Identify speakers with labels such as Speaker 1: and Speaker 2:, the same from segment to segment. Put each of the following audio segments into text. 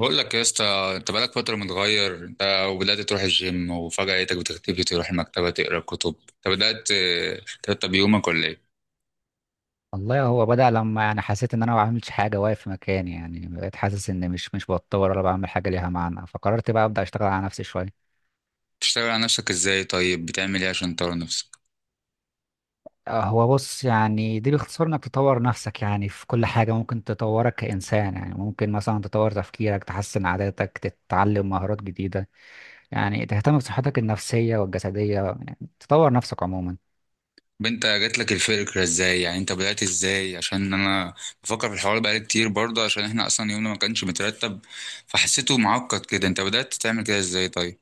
Speaker 1: بقول لك يا اسطى، انت بقالك فتره متغير. وبدات تروح الجيم، وفجاه لقيتك بتختفي تروح المكتبه تقرا كتب. انت بدات ترتب يومك ولا ايه؟
Speaker 2: والله هو بدأ لما انا حسيت ان انا ما بعملش حاجه واقف في مكاني. يعني بقيت حاسس ان مش بتطور ولا بعمل حاجه ليها معنى، فقررت بقى ابدا اشتغل على نفسي شويه.
Speaker 1: بتشتغل على نفسك ازاي طيب؟ بتعمل ايه عشان تطور نفسك؟
Speaker 2: هو بص، يعني دي باختصار انك تطور نفسك يعني في كل حاجه ممكن تطورك كانسان. يعني ممكن مثلا تطور تفكيرك، تحسن عاداتك، تتعلم مهارات جديده. يعني تهتم بصحتك النفسيه والجسديه، يعني تطور نفسك عموما.
Speaker 1: طب انت جات لك الفكره ازاي؟ يعني انت بدات ازاي؟ عشان انا بفكر في الحوار بقالي كتير برضه، عشان احنا اصلا يومنا ما كانش مترتب، فحسيته معقد كده. انت بدات تعمل كده ازاي طيب؟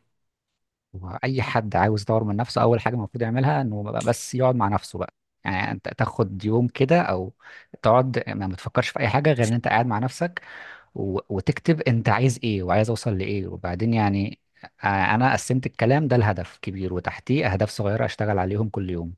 Speaker 2: هو اي حد عاوز يطور من نفسه، اول حاجه المفروض يعملها انه بقى بس يقعد مع نفسه بقى. يعني انت تاخد يوم كده، او تقعد ما تفكرش في اي حاجه غير ان انت قاعد مع نفسك. وتكتب انت عايز ايه وعايز اوصل لايه، وبعدين يعني انا قسمت الكلام ده لهدف كبير وتحتيه اهداف صغيره اشتغل عليهم كل يوم.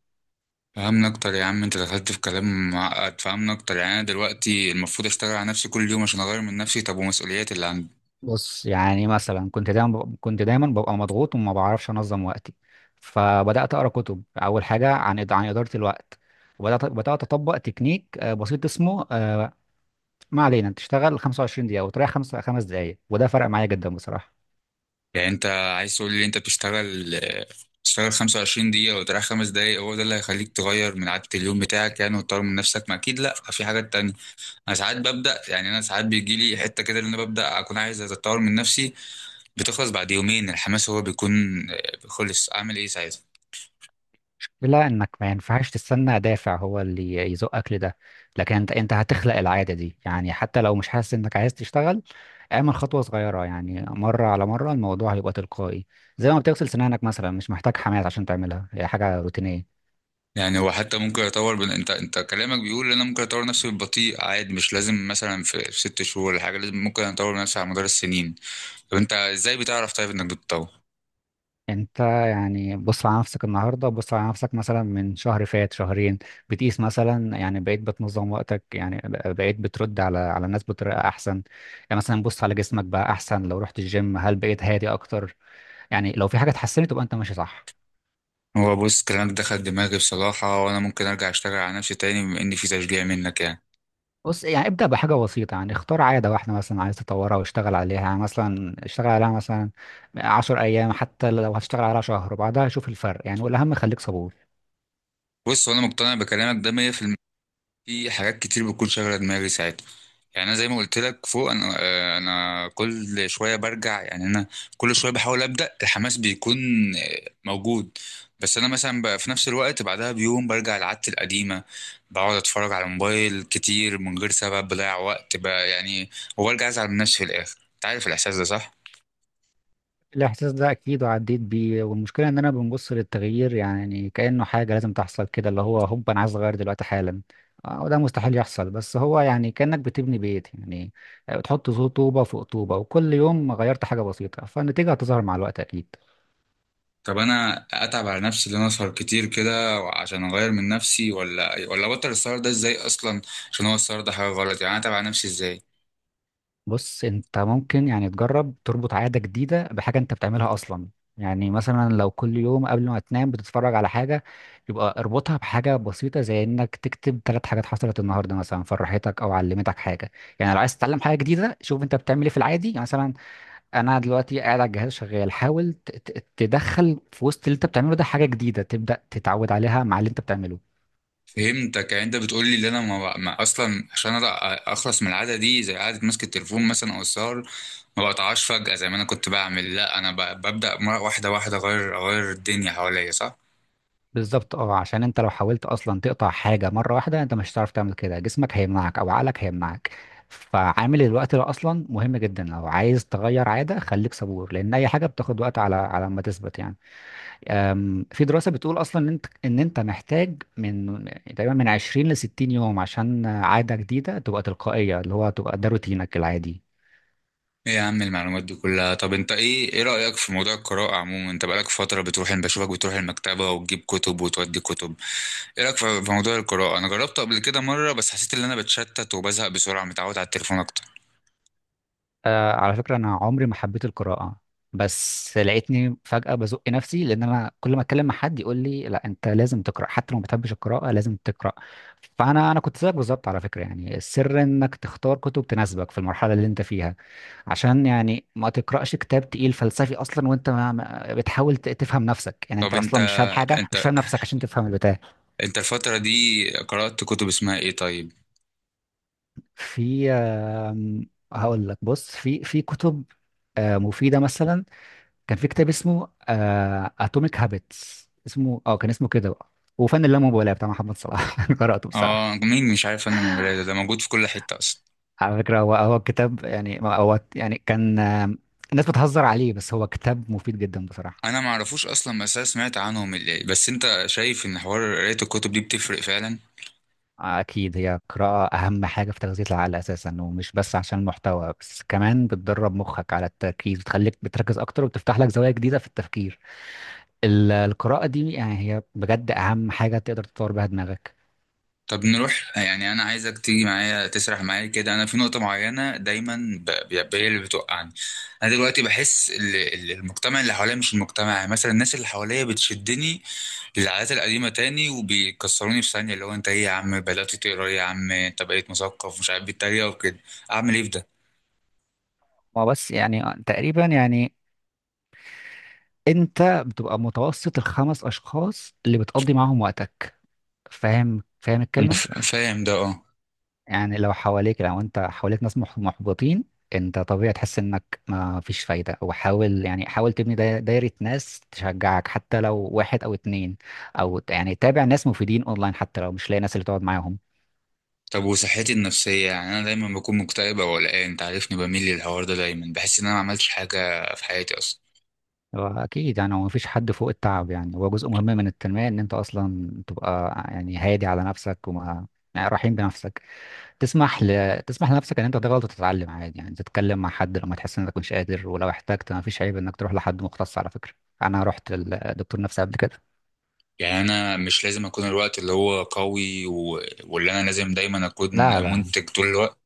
Speaker 1: فهمنا اكتر يا عم، انت دخلت في كلام معقد. فهمنا اكتر، يعني انا دلوقتي المفروض اشتغل على نفسي كل يوم عشان اغير من نفسي؟ طب ومسؤوليات اللي عندي؟
Speaker 2: بص، يعني مثلا كنت دايما ببقى مضغوط وما بعرفش انظم وقتي. فبدات اقرا كتب اول حاجه عن عن اداره الوقت. وبدات اطبق تكنيك بسيط اسمه ما علينا، تشتغل 25 دقيقة وتريح خمس دقايق، وده فرق معايا جدا بصراحة.
Speaker 1: يعني انت عايز تقول لي انت بتشتغل 25 دقيقة وتريح خمس دقايق، هو ده اللي هيخليك تغير من عادة اليوم بتاعك يعني وتطور من نفسك؟ ما اكيد لا، في حاجات تانية. انا ساعات ببدأ، يعني انا ساعات بيجي لي حتة كده اللي انا ببدأ اكون عايز اتطور من نفسي، بتخلص بعد يومين الحماس هو بيكون خلص. اعمل ايه ساعتها؟
Speaker 2: إلا إنك ما ينفعش تستنى دافع هو اللي يزقك لده. لكن أنت هتخلق العادة دي، يعني حتى لو مش حاسس إنك عايز تشتغل، اعمل خطوة صغيرة. يعني مرة على مرة الموضوع هيبقى تلقائي، زي ما بتغسل سنانك مثلا مش محتاج حماية عشان تعملها، هي حاجة روتينية.
Speaker 1: يعني هو حتى ممكن اطور انت كلامك بيقول ان انا ممكن اطور نفسي بالبطيء عادي، مش لازم مثلا في ست شهور ولا حاجه لازم، ممكن اطور نفسي على مدار السنين. طب انت ازاي بتعرف طيب انك بتطور؟
Speaker 2: انت يعني بص على نفسك النهارده، بص على نفسك مثلا من شهر فات، شهرين، بتقيس مثلا، يعني بقيت بتنظم وقتك يعني، بقيت بترد على الناس بطريقه احسن. يعني مثلا بص على جسمك، بقى احسن؟ لو رحت الجيم، هل بقيت هادي اكتر؟ يعني لو في حاجه اتحسنت تبقى انت ماشي صح.
Speaker 1: هو بص، كلامك دخل دماغي بصراحة، وأنا ممكن أرجع أشتغل على نفسي تاني بما إن في تشجيع منك يعني.
Speaker 2: بص، يعني ابدا بحاجه بسيطه، يعني اختار عاده واحده مثلا عايز تطورها واشتغل عليها، يعني مثلا اشتغل عليها مثلا 10 ايام، حتى لو هتشتغل عليها شهر وبعدها شوف الفرق، يعني والاهم خليك صبور.
Speaker 1: بص، وأنا مقتنع بكلامك ده 100% في المية. في حاجات كتير بتكون شاغلة دماغي ساعتها. يعني أنا زي ما قلت لك فوق، أنا أنا كل شوية برجع. يعني أنا كل شوية بحاول أبدأ، الحماس بيكون موجود. بس أنا مثلا بقى في نفس الوقت بعدها بيوم برجع لعادتي القديمة، بقعد أتفرج على الموبايل كتير من غير سبب، بضيع وقت بقى يعني، وبرجع أزعل من نفسي في الآخر. أنت عارف الإحساس ده صح؟
Speaker 2: الإحساس ده أكيد وعديت بيه، والمشكلة إن أنا بنبص للتغيير يعني كأنه حاجة لازم تحصل كده، اللي هو هوب أنا عايز أغير دلوقتي حالا. وده مستحيل يحصل. بس هو يعني كأنك بتبني بيت يعني، بتحط طوبة فوق طوبة، وكل يوم غيرت حاجة بسيطة فالنتيجة هتظهر مع الوقت أكيد.
Speaker 1: طب انا اتعب على نفسي ان انا اسهر كتير كده عشان اغير من نفسي، ولا ابطل السهر ده؟ ازاي اصلا؟ عشان هو السهر ده حاجه غلط، يعني انا اتعب على نفسي ازاي؟
Speaker 2: بص، انت ممكن يعني تجرب تربط عادة جديدة بحاجة انت بتعملها اصلا. يعني مثلا لو كل يوم قبل ما تنام بتتفرج على حاجة، يبقى اربطها بحاجة بسيطة زي انك تكتب ثلاث حاجات حصلت النهاردة مثلا، فرحتك او علمتك حاجة. يعني لو عايز تتعلم حاجة جديدة، شوف انت بتعمل ايه في العادي. يعني مثلا انا دلوقتي قاعد على الجهاز شغال، حاول تدخل في وسط اللي انت بتعمله ده حاجة جديدة تبدأ تتعود عليها مع اللي انت بتعمله.
Speaker 1: فهمتك، يعني انت بتقول لي ان انا ما اصلا، عشان أنا اخلص من العاده دي زي قعده ماسك التليفون مثلا او السهر، ما بقطعهاش فجاه زي ما انا كنت بعمل، لا انا ببدا واحده واحده اغير، الدنيا حواليا، صح؟
Speaker 2: بالظبط اه، عشان انت لو حاولت اصلا تقطع حاجه مره واحده انت مش هتعرف تعمل كده، جسمك هيمنعك او عقلك هيمنعك. فعامل الوقت ده اصلا مهم جدا، لو عايز تغير عاده خليك صبور، لان اي حاجه بتاخد وقت على ما تثبت يعني. في دراسه بتقول اصلا ان انت محتاج من تقريبا من 20 ل 60 يوم عشان عاده جديده تبقى تلقائيه، اللي هو تبقى ده روتينك العادي.
Speaker 1: ايه يا عم المعلومات دي كلها! طب انت ايه رايك في موضوع القراءه عموما؟ انت بقالك فتره بتروح، انا بشوفك بتروح المكتبه وتجيب كتب وتودي كتب. ايه رايك في موضوع القراءه؟ انا جربته قبل كده مره، بس حسيت ان انا بتشتت وبزهق بسرعه، متعود على التليفون اكتر.
Speaker 2: على فكرة، أنا عمري ما حبيت القراءة. بس لقيتني فجأة بزق نفسي، لأن أنا كل ما أتكلم مع حد يقول لي لا أنت لازم تقرأ، حتى لو ما بتحبش القراءة لازم تقرأ. فأنا كنت زيك بالظبط على فكرة، يعني السر إنك تختار كتب تناسبك في المرحلة اللي أنت فيها. عشان يعني ما تقرأش كتاب تقيل فلسفي أصلا وأنت بتحاول تفهم نفسك، يعني أنت
Speaker 1: طب
Speaker 2: أصلا مش فاهم حاجة،
Speaker 1: انت
Speaker 2: مش فاهم نفسك عشان تفهم البتاع.
Speaker 1: انت الفتره دي قرات كتب اسمها ايه طيب؟
Speaker 2: في هقول لك، بص في كتب مفيدة مثلا. كان في كتاب اسمه اتوميك هابتس، اسمه اه كان اسمه كده بقى، وفن اللامبالاه بتاع محمد صلاح انا قراته بصراحه.
Speaker 1: اه، مين مش عارف انا المرايه؟ ده موجود في كل حته اصلا.
Speaker 2: على فكره، هو الكتاب يعني هو يعني كان الناس بتهزر عليه، بس هو كتاب مفيد جدا بصراحه.
Speaker 1: انا ما اعرفوش اصلا، بس انا سمعت عنهم اللي. بس انت شايف ان حوار قرايه الكتب دي بتفرق فعلا؟
Speaker 2: اكيد، هي قراءه اهم حاجه في تغذيه العقل اساسا، ومش بس عشان المحتوى، بس كمان بتدرب مخك على التركيز، بتخليك بتركز اكتر، وبتفتح لك زوايا جديده في التفكير. القراءه دي يعني هي بجد اهم حاجه تقدر تطور بيها دماغك.
Speaker 1: طب نروح، يعني انا عايزك تيجي معايا تسرح معايا كده. انا في نقطه معينه دايما هي اللي بتوقعني. انا دلوقتي بحس المجتمع اللي حواليا، مش المجتمع، يعني مثلا الناس اللي حواليا بتشدني العادات القديمة تاني، وبيكسروني في ثانية، اللي هو: انت ايه يا عم بدأت تقرا، إيه يا عم انت بقيت مثقف، مش عارف بيتريقوا وكده. اعمل ايه في ده؟
Speaker 2: ما بس، يعني تقريبا يعني انت بتبقى متوسط الخمس اشخاص اللي بتقضي معاهم وقتك. فاهم؟ فاهم
Speaker 1: انا
Speaker 2: الكلمه؟
Speaker 1: فاهم ده، اه.
Speaker 2: يعني لو انت حواليك ناس محبطين، انت طبيعي تحس انك ما فيش فايده. وحاول يعني حاول تبني دايره ناس تشجعك، حتى لو واحد او اتنين، او يعني تابع ناس مفيدين اونلاين، حتى لو مش لاقي ناس اللي تقعد معاهم.
Speaker 1: طب وصحتي النفسية؟ يعني انا دايما بكون مكتئب او قلقان، انت عارفني بميل للحوار ده، دايما بحس ان انا ما عملتش حاجة في حياتي اصلا.
Speaker 2: واكيد يعني هو مفيش حد فوق التعب، يعني هو جزء مهم من التنميه ان انت اصلا تبقى يعني هادي على نفسك، وما يعني رحيم بنفسك. تسمح لنفسك ان انت تغلط وتتعلم عادي، يعني تتكلم مع حد لما تحس انك مش قادر، ولو احتجت ما فيش عيب انك تروح لحد مختص على فكره. انا رحت للدكتور نفسي قبل كده.
Speaker 1: يعني انا مش لازم اكون الوقت اللي هو قوي واللي انا لازم دايما اكون
Speaker 2: لا، لا،
Speaker 1: منتج طول الوقت؟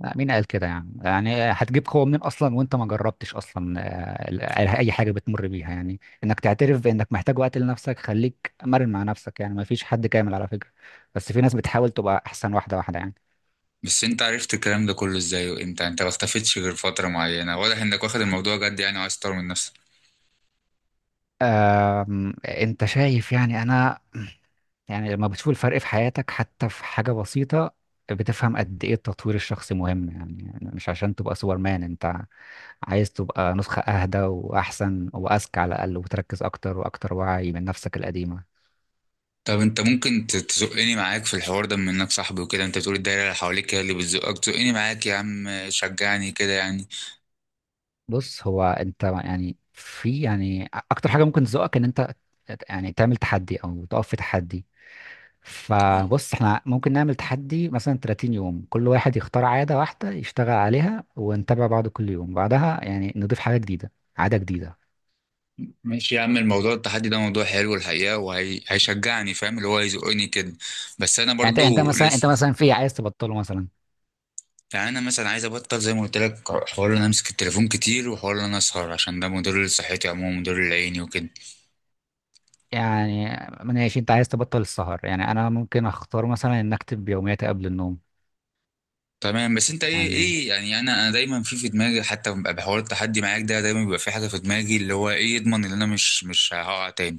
Speaker 2: لا، مين قال كده؟ يعني هتجيب قوه منين اصلا وانت ما جربتش اصلا اي حاجه بتمر بيها، يعني انك تعترف بانك محتاج وقت لنفسك، خليك مرن مع نفسك، يعني ما فيش حد كامل على فكره. بس في ناس بتحاول تبقى احسن، واحده واحده يعني.
Speaker 1: بس انت عرفت الكلام ده كله ازاي وامتى؟ انت ما اختفيتش غير فترة معينة، واضح انك واخد الموضوع جد يعني، وعايز تطور من نفسك.
Speaker 2: انت شايف يعني، انا يعني لما بتشوف الفرق في حياتك حتى في حاجة بسيطة، بتفهم قد ايه التطوير الشخصي مهم. يعني مش عشان تبقى سوبرمان، انت عايز تبقى نسخة اهدى واحسن واذكى على الاقل، وتركز اكتر، واكتر وعي من نفسك القديمة.
Speaker 1: طب انت ممكن تزقني معاك في الحوار ده بما انك صاحبي وكده؟ انت بتقول الدايره اللي حواليك هي اللي بتزقك، زقني معاك يا عم، شجعني كده يعني.
Speaker 2: بص، هو انت يعني في يعني اكتر حاجة ممكن تزقك ان انت يعني تعمل تحدي او تقف في تحدي. فبص احنا ممكن نعمل تحدي مثلا 30 يوم، كل واحد يختار عادة واحدة يشتغل عليها، ونتابع بعض كل يوم، بعدها يعني نضيف حاجة جديدة، عادة جديدة.
Speaker 1: ماشي يا عم، الموضوع التحدي ده موضوع حلو الحقيقه، وهيشجعني، فاهم اللي هو هيزقني كده. بس انا
Speaker 2: يعني
Speaker 1: برضو
Speaker 2: انت
Speaker 1: لسه،
Speaker 2: مثلا في عايز تبطله مثلا؟
Speaker 1: يعني انا مثلا عايز ابطل زي ما قلت لك، حوار ان انا امسك التليفون كتير، وحوار ان انا اسهر، عشان ده مضر لصحتي عموما، مضر لعيني وكده.
Speaker 2: يعني ماشي، انت عايز تبطل السهر؟ يعني انا ممكن اختار مثلا ان اكتب يومياتي قبل النوم.
Speaker 1: تمام، بس انت ايه
Speaker 2: يعني
Speaker 1: يعني؟ انا دايما في دماغي حتى ببقى بحوار التحدي معاك ده، دايما بيبقى في حاجه في دماغي اللي هو ايه يضمن ان انا مش هقع تاني؟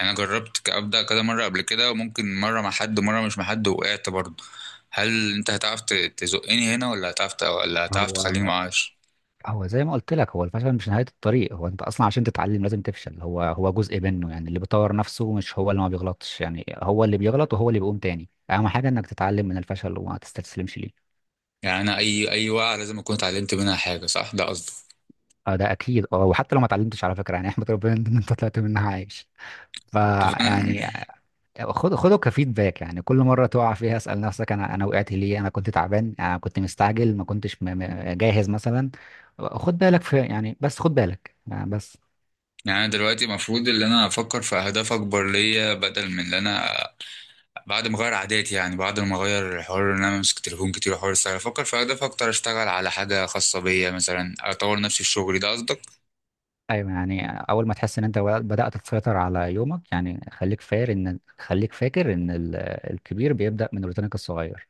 Speaker 1: يعني انا جربت ابدا كذا مره قبل كده، وممكن مره مع حد ومره مش مع حد، وقعت برضه. هل انت هتعرف تزقني هنا، ولا هتعرف ولا هتعرف
Speaker 2: هو
Speaker 1: تخليني ما اقعش؟
Speaker 2: هو زي ما قلت لك، هو الفشل مش نهاية الطريق، هو انت اصلا عشان تتعلم لازم تفشل، هو جزء منه. يعني اللي بيطور نفسه مش هو اللي ما بيغلطش، يعني هو اللي بيغلط وهو اللي بيقوم تاني. اهم حاجة انك تتعلم من الفشل وما تستسلمش ليه.
Speaker 1: يعني انا اي وقعه لازم اكون اتعلمت منها حاجه صح؟ ده قصدي.
Speaker 2: اه، ده اكيد. اه، وحتى لو ما اتعلمتش على فكرة يعني، احمد ربنا ان انت طلعت منها عايش.
Speaker 1: طب انا،
Speaker 2: فيعني خده كفيدباك، يعني كل مرة تقع فيها اسأل نفسك انا وقعت ليه؟ انا كنت تعبان، انا كنت مستعجل، ما كنتش جاهز مثلا. خد بالك في يعني، بس خد بالك يعني بس.
Speaker 1: يعني أنا دلوقتي المفروض ان انا افكر في اهداف اكبر ليا بدل من ان انا بعد ما اغير عاداتي، يعني بعد ما اغير حوار ان انا امسك تليفون كتير وحوار السهر، افكر في اهداف اكتر، اشتغل على حاجه خاصه بيا مثلا، اطور نفسي في شغلي، ده قصدك؟
Speaker 2: ايوه، يعني اول ما تحس ان انت بدات تسيطر على يومك، يعني خليك فاكر ان، الكبير بيبدا من روتينك الصغير.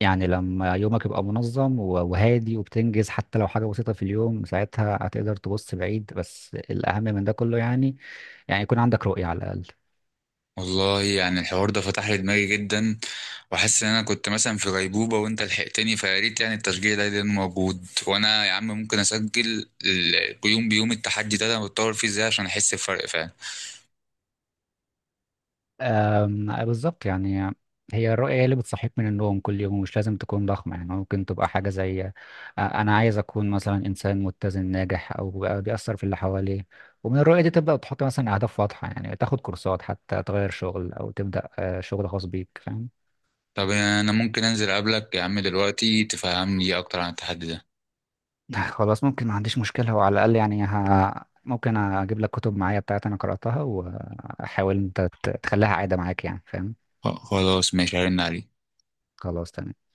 Speaker 2: يعني لما يومك يبقى منظم وهادي وبتنجز حتى لو حاجه بسيطه في اليوم، ساعتها هتقدر تبص بعيد. بس الاهم من ده كله يعني، يعني يكون عندك رؤيه على الاقل.
Speaker 1: والله يعني الحوار ده فتح لي دماغي جدا، وحاسس ان انا كنت مثلا في غيبوبه وانت لحقتني فيا. ريت يعني التشجيع ده يكون موجود. وانا يا عم ممكن اسجل يوم بيوم التحدي ده انا بتطور فيه ازاي عشان احس بفرق فعلا.
Speaker 2: بالظبط يعني. هي الرؤية هي اللي بتصحيك من النوم كل يوم، مش لازم تكون ضخمة. يعني ممكن تبقى حاجة زي أنا عايز أكون مثلا إنسان متزن ناجح، أو بقى بيأثر في اللي حواليه. ومن الرؤية دي تبدأ تحط مثلا أهداف واضحة، يعني تاخد كورسات حتى تغير شغل، أو تبدأ شغل خاص بيك، فاهم؟
Speaker 1: طب انا ممكن انزل اقابلك يا عم دلوقتي تفهمني اكتر عن التحدي ده؟
Speaker 2: خلاص، ممكن ما عنديش مشكلة، وعلى الأقل يعني ممكن أجيب لك كتب معايا بتاعت أنا قرأتها، وأحاول أنت تخليها عادة معاك، يعني فاهم؟
Speaker 1: خلاص ماشي، هرن عليك.
Speaker 2: خلاص تمام.